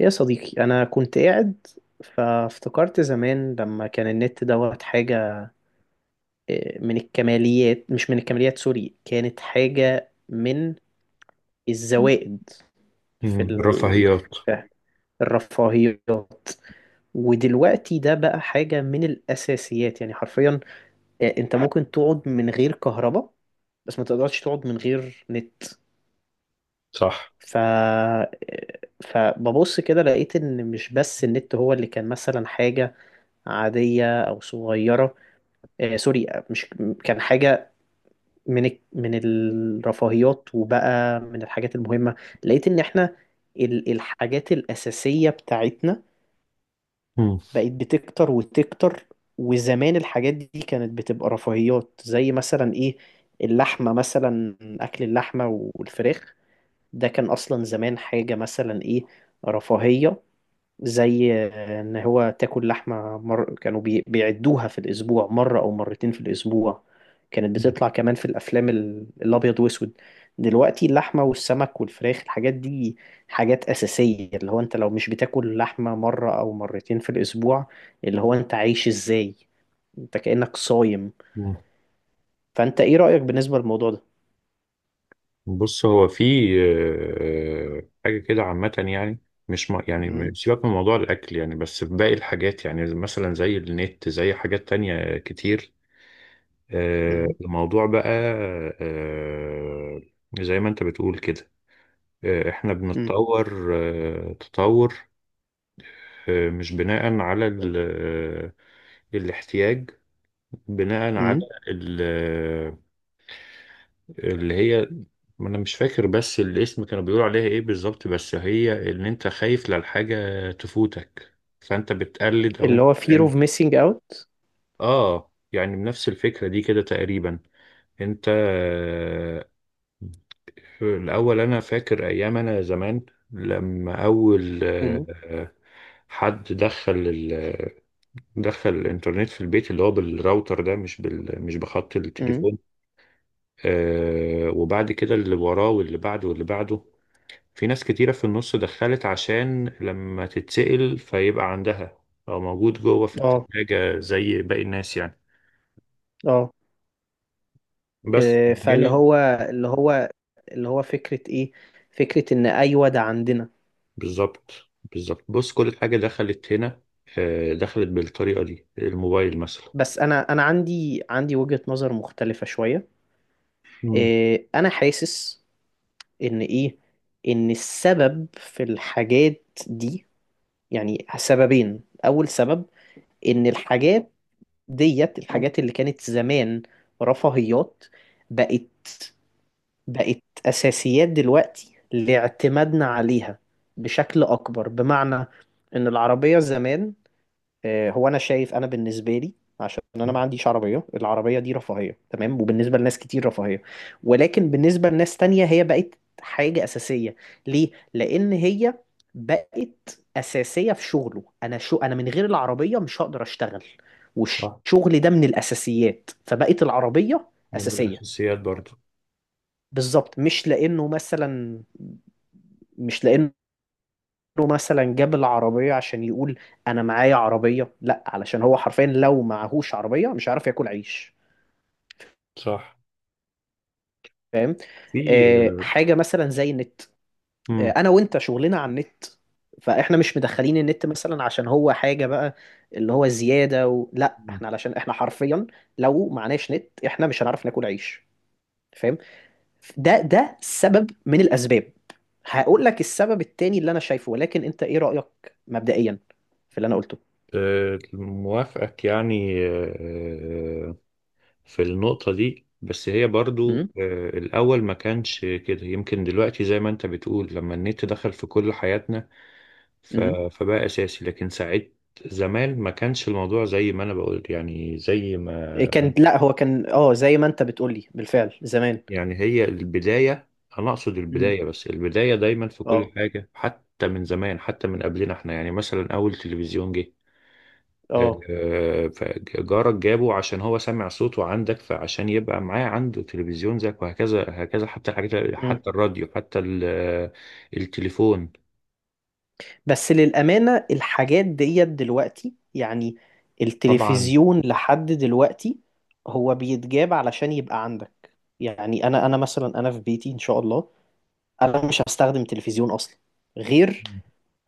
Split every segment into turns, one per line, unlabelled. يا صديقي، أنا كنت قاعد فافتكرت زمان لما كان النت دوت حاجة، من الكماليات، مش من الكماليات، سوري، كانت حاجة من الزوائد. في
مم.
ال...
رفاهيات.
في الرفاهيات. ودلوقتي ده بقى حاجة من الأساسيات، يعني حرفيا. أنت ممكن تقعد من غير كهرباء، بس ما تقدرش تقعد من غير نت.
صح.
ف آه، فببص كده لقيت إن مش بس النت هو اللي كان مثلا حاجة عادية أو صغيرة. سوري، مش كان حاجة من من الرفاهيات، وبقى من الحاجات المهمة. لقيت إن إحنا الحاجات الأساسية بتاعتنا
مم.
بقت بتكتر وتكتر، وزمان الحاجات دي كانت بتبقى رفاهيات، زي مثلا إيه، اللحمة مثلا، أكل اللحمة والفراخ. ده كان أصلا زمان حاجة مثلا إيه، رفاهية. زي ان هو تاكل لحمه، كانوا بيعدوها في الاسبوع مره او مرتين في الاسبوع. كانت بتطلع كمان في الافلام الابيض واسود. دلوقتي اللحمه والسمك والفراخ، الحاجات دي حاجات اساسيه. اللي هو انت لو مش بتاكل لحمه مره او مرتين في الاسبوع، اللي هو انت عايش ازاي؟ انت كأنك صايم.
مم.
فانت ايه رأيك بالنسبه للموضوع ده؟
بص، هو في حاجة كده عامة يعني. مش م...
مم.
يعني سيبك من موضوع الأكل يعني، بس في باقي الحاجات يعني، مثلا زي النت، زي حاجات تانية كتير.
مم.
الموضوع بقى آه، زي ما أنت بتقول كده، إحنا
مم.
بنتطور تطور، مش بناء على ال... آه، الاحتياج، بناء على
مم.
ال... اللي هي، ما انا مش فاكر بس الاسم كانوا بيقولوا عليها ايه بالظبط، بس هي ان انت خايف للحاجة تفوتك، فانت بتقلد او انت
اللي هو fear of missing out.
اه، يعني بنفس الفكرة دي كده تقريبا. انت الاول انا فاكر ايام انا زمان لما اول
مم.
حد دخل الانترنت في البيت، اللي هو بالراوتر ده، مش بخط
مم.
التليفون. آه، وبعد كده اللي وراه واللي بعده واللي بعده، في ناس كتيرة في النص دخلت عشان لما تتسأل فيبقى عندها، أو موجود جوه في
اه،
التلاجة زي باقي الناس يعني.
اه،
بس
فاللي
هنا
هو اللي هو فكرة ايه، فكرة ان ايوه ده عندنا.
بالظبط. بالظبط، بص كل حاجة دخلت هنا دخلت بالطريقة دي، الموبايل مثلا.
بس انا عندي وجهة نظر مختلفة شوية.
مم.
انا حاسس ان ايه، ان السبب في الحاجات دي يعني سببين. اول سبب، ان الحاجات ديت، الحاجات اللي كانت زمان رفاهيات، بقت بقت اساسيات دلوقتي لاعتمادنا عليها بشكل اكبر. بمعنى ان العربية زمان، هو انا شايف، انا بالنسبه لي، عشان انا ما عنديش عربيه، العربيه دي رفاهيه، تمام، وبالنسبه لناس كتير رفاهيه، ولكن بالنسبه لناس تانية هي بقت حاجه اساسيه. ليه؟ لان هي بقت اساسيه في شغله. انا من غير العربيه مش هقدر اشتغل،
صح،
والشغل ده من الاساسيات، فبقت العربيه
من
اساسيه.
الأساسيات برضو.
بالظبط، مش لانه له مثلا جاب العربية عشان يقول أنا معايا عربية، لأ، علشان هو حرفيا لو معهوش عربية مش هيعرف ياكل عيش.
صح.
فاهم؟
في
حاجة مثلا زي النت.
مم.
أنا وأنت شغلنا على النت، فإحنا مش مدخلين النت مثلا عشان هو حاجة بقى، اللي هو زيادة لأ، إحنا علشان إحنا حرفيا لو معناش نت إحنا مش هنعرف ناكل عيش. فاهم؟ ده سبب من الأسباب. هقول لك السبب التاني اللي أنا شايفه، ولكن أنت إيه رأيك مبدئيا في اللي أنا قلته؟
موافقك يعني، في النقطة دي، بس هي برضو الأول ما كانش كده، يمكن دلوقتي زي ما أنت بتقول، لما النت دخل في كل حياتنا، ف-
امم
فبقى أساسي. لكن ساعات زمان ما كانش الموضوع زي ما أنا بقول يعني، زي ما
كان، لا هو كان، زي ما انت بتقولي بالفعل زمان.
يعني، هي البداية. أنا أقصد
مم.
البداية، بس البداية دايما في كل
اه،
حاجة، حتى من زمان حتى من قبلنا إحنا يعني. مثلا أول تلفزيون جه،
اه.
فجارك جابه عشان هو سمع صوته عندك، فعشان يبقى معاه عنده تلفزيون زيك، وهكذا هكذا، حتى الحاجات،
مم.
حتى الراديو، حتى التليفون.
بس للأمانة الحاجات ديت دلوقتي، يعني
طبعا.
التلفزيون لحد دلوقتي هو بيتجاب علشان يبقى عندك. يعني انا مثلا في بيتي، ان شاء الله، انا مش هستخدم تلفزيون اصلا، غير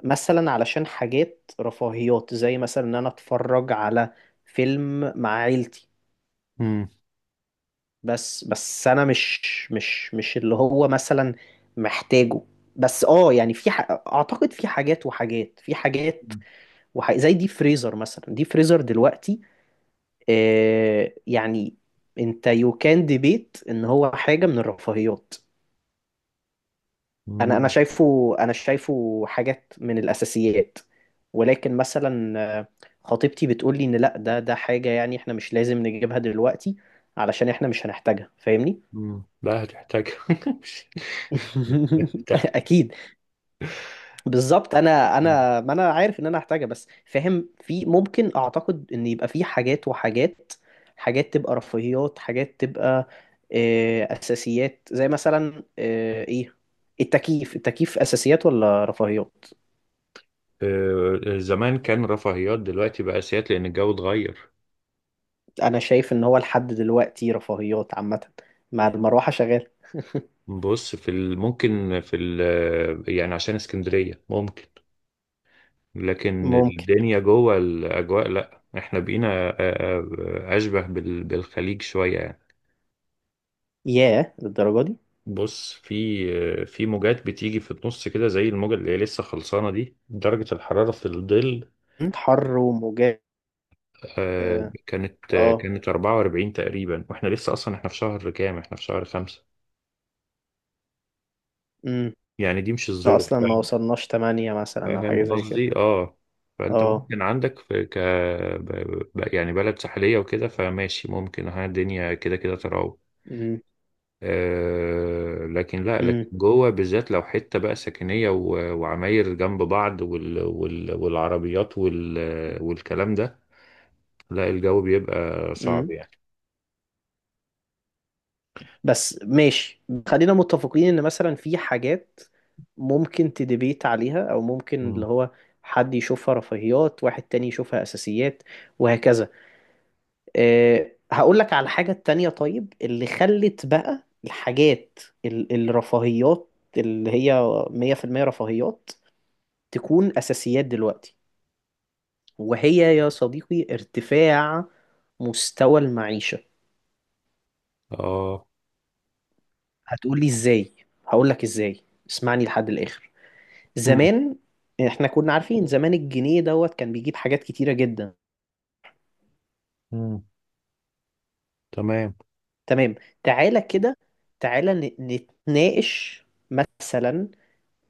مثلا علشان حاجات رفاهيات، زي مثلا ان انا اتفرج على فيلم مع عيلتي.
مم.
بس انا مش اللي هو مثلا محتاجه. بس يعني في اعتقد في حاجات وحاجات، في حاجات، زي دي فريزر مثلا، دي فريزر دلوقتي. يعني انت يو كان ديبيت ان هو حاجة من الرفاهيات. انا انا
مم.
شايفه انا شايفه حاجات من الاساسيات. ولكن مثلا خطيبتي بتقول لي ان لا، ده حاجة يعني احنا مش لازم نجيبها دلوقتي، علشان احنا مش هنحتاجها. فاهمني؟
مم. لا، هتحتاج. هتحتاج.
اكيد. بالظبط، انا ما انا عارف ان انا هحتاجها، بس فاهم، في ممكن اعتقد ان يبقى في حاجات وحاجات، حاجات تبقى رفاهيات، حاجات تبقى اساسيات. زي مثلا ايه، التكييف، التكييف اساسيات ولا رفاهيات؟
زمان كان رفاهيات، دلوقتي بقى أساسيات لأن الجو اتغير.
انا شايف ان هو لحد دلوقتي رفاهيات عامة، مع المروحة شغال.
بص في ممكن في يعني عشان اسكندرية ممكن، لكن
ممكن.
الدنيا جوه الأجواء لأ، إحنا بقينا أشبه بالخليج شوية يعني.
ياه، للدرجة دي؟
بص، في موجات بتيجي في النص كده، زي الموجة اللي هي لسه خلصانة دي، درجة الحرارة في الظل
مم، حر وموجات، اه آه،
كانت 44 تقريبا، واحنا لسه أصلا، احنا في شهر كام؟ احنا في شهر خمسة.
مم.
يعني دي مش
ده
الذروة،
اصلا ما
فاهم؟
وصلناش 8 مثلا او
فاهم
حاجة زي كده.
قصدي، اه. فأنت
اه
ممكن عندك في يعني بلد ساحلية وكده، فماشي، ممكن ها الدنيا كده كده تراوح، لكن لا، لكن
امم
جوه بالذات لو حته بقى سكنيه وعماير جنب بعض والعربيات والكلام ده، لا الجو بيبقى صعب
امم
يعني.
بس ماشي، خلينا متفقين ان مثلا في حاجات ممكن تدبيت عليها، او ممكن اللي
مم.
هو حد يشوفها رفاهيات واحد تاني يشوفها اساسيات، وهكذا. هقول لك على الحاجة التانية. طيب، اللي خلت بقى الحاجات الرفاهيات اللي هي 100% رفاهيات تكون اساسيات دلوقتي، وهي يا صديقي ارتفاع مستوى المعيشة.
اه.
هتقولي ازاي؟ هقول لك ازاي. اسمعني لحد الاخر.
مم.
زمان احنا كنا عارفين زمان الجنيه دوت كان بيجيب حاجات كتيرة جدا.
مم. تمام.
تمام. تعالى كده، تعالى نتناقش مثلا،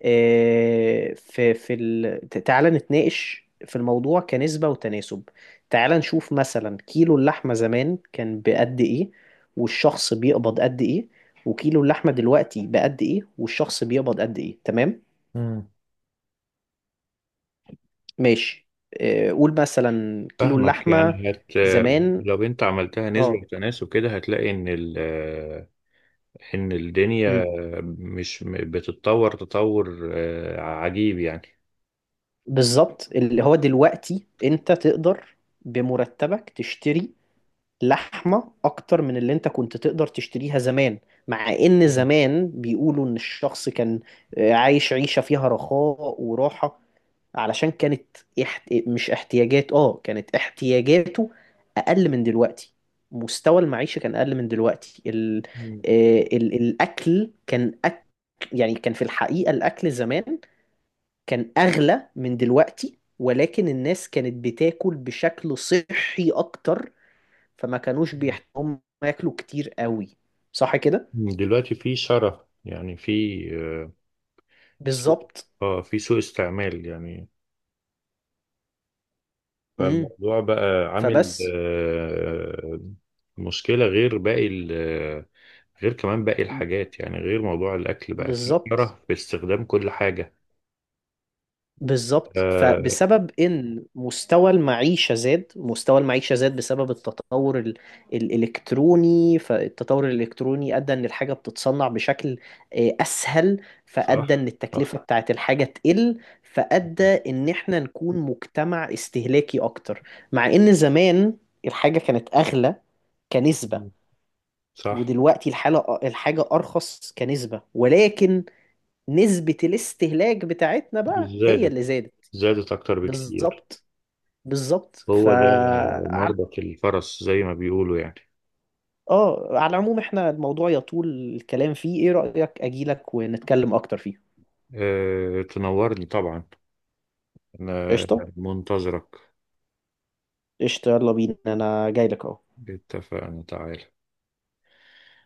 تعالى نتناقش في الموضوع كنسبة وتناسب. تعالى نشوف مثلا، كيلو اللحمة زمان كان بقد ايه، والشخص بيقبض قد ايه، وكيلو اللحمة دلوقتي بقد ايه، والشخص بيقبض قد ايه. تمام.
مم.
ماشي. قول مثلا كيلو
فاهمك
اللحمة
يعني، هت
زمان.
لو انت عملتها نسبة
اه
وتناسب كده هتلاقي ان ان الدنيا
مم.
مش بتتطور تطور عجيب يعني.
بالظبط، اللي هو دلوقتي انت تقدر بمرتبك تشتري لحمة اكتر من اللي انت كنت تقدر تشتريها زمان، مع ان زمان بيقولوا ان الشخص كان عايش عيشة فيها رخاء وراحة، علشان كانت مش احتياجات، كانت احتياجاته اقل من دلوقتي. مستوى المعيشة كان اقل من دلوقتي.
مم.
الاكل كان يعني كان في الحقيقة الاكل زمان كان اغلى من دلوقتي، ولكن الناس كانت بتاكل بشكل صحي اكتر، فما كانوش بيحتاجوا ياكلوا كتير قوي. صح كده؟
دلوقتي في شره يعني، في آه، سوء،
بالظبط.
اه في سوء استعمال يعني.
امم
فالموضوع بقى عامل
فبس،
مشكلة غير باقي غير كمان باقي الحاجات يعني، غير موضوع الأكل بقى فيه
بالظبط،
شره في استخدام كل حاجة.
بالظبط،
آه،
فبسبب ان مستوى المعيشه زاد. مستوى المعيشه زاد بسبب التطور الالكتروني، فالتطور الالكتروني ادى ان الحاجه بتتصنع بشكل اسهل، فادى
صح،
ان
صح.
التكلفه بتاعت الحاجه تقل، فادى ان احنا نكون مجتمع استهلاكي اكتر، مع ان زمان الحاجه كانت اغلى كنسبه،
صح.
ودلوقتي الحاجه ارخص كنسبه، ولكن نسبه الاستهلاك بتاعتنا بقى هي
زادت،
اللي زادت.
زادت أكتر بكتير.
بالظبط، بالظبط، ف
هو ده
ع-
مربط الفرس زي ما بيقولوا يعني.
اه على العموم احنا الموضوع يطول الكلام فيه. ايه رأيك اجيلك ونتكلم اكتر فيه؟
أه، تنورني طبعا، أنا
قشطة.
منتظرك.
قشطة، يلا بينا، انا جاي لك اهو.
اتفقنا، تعال.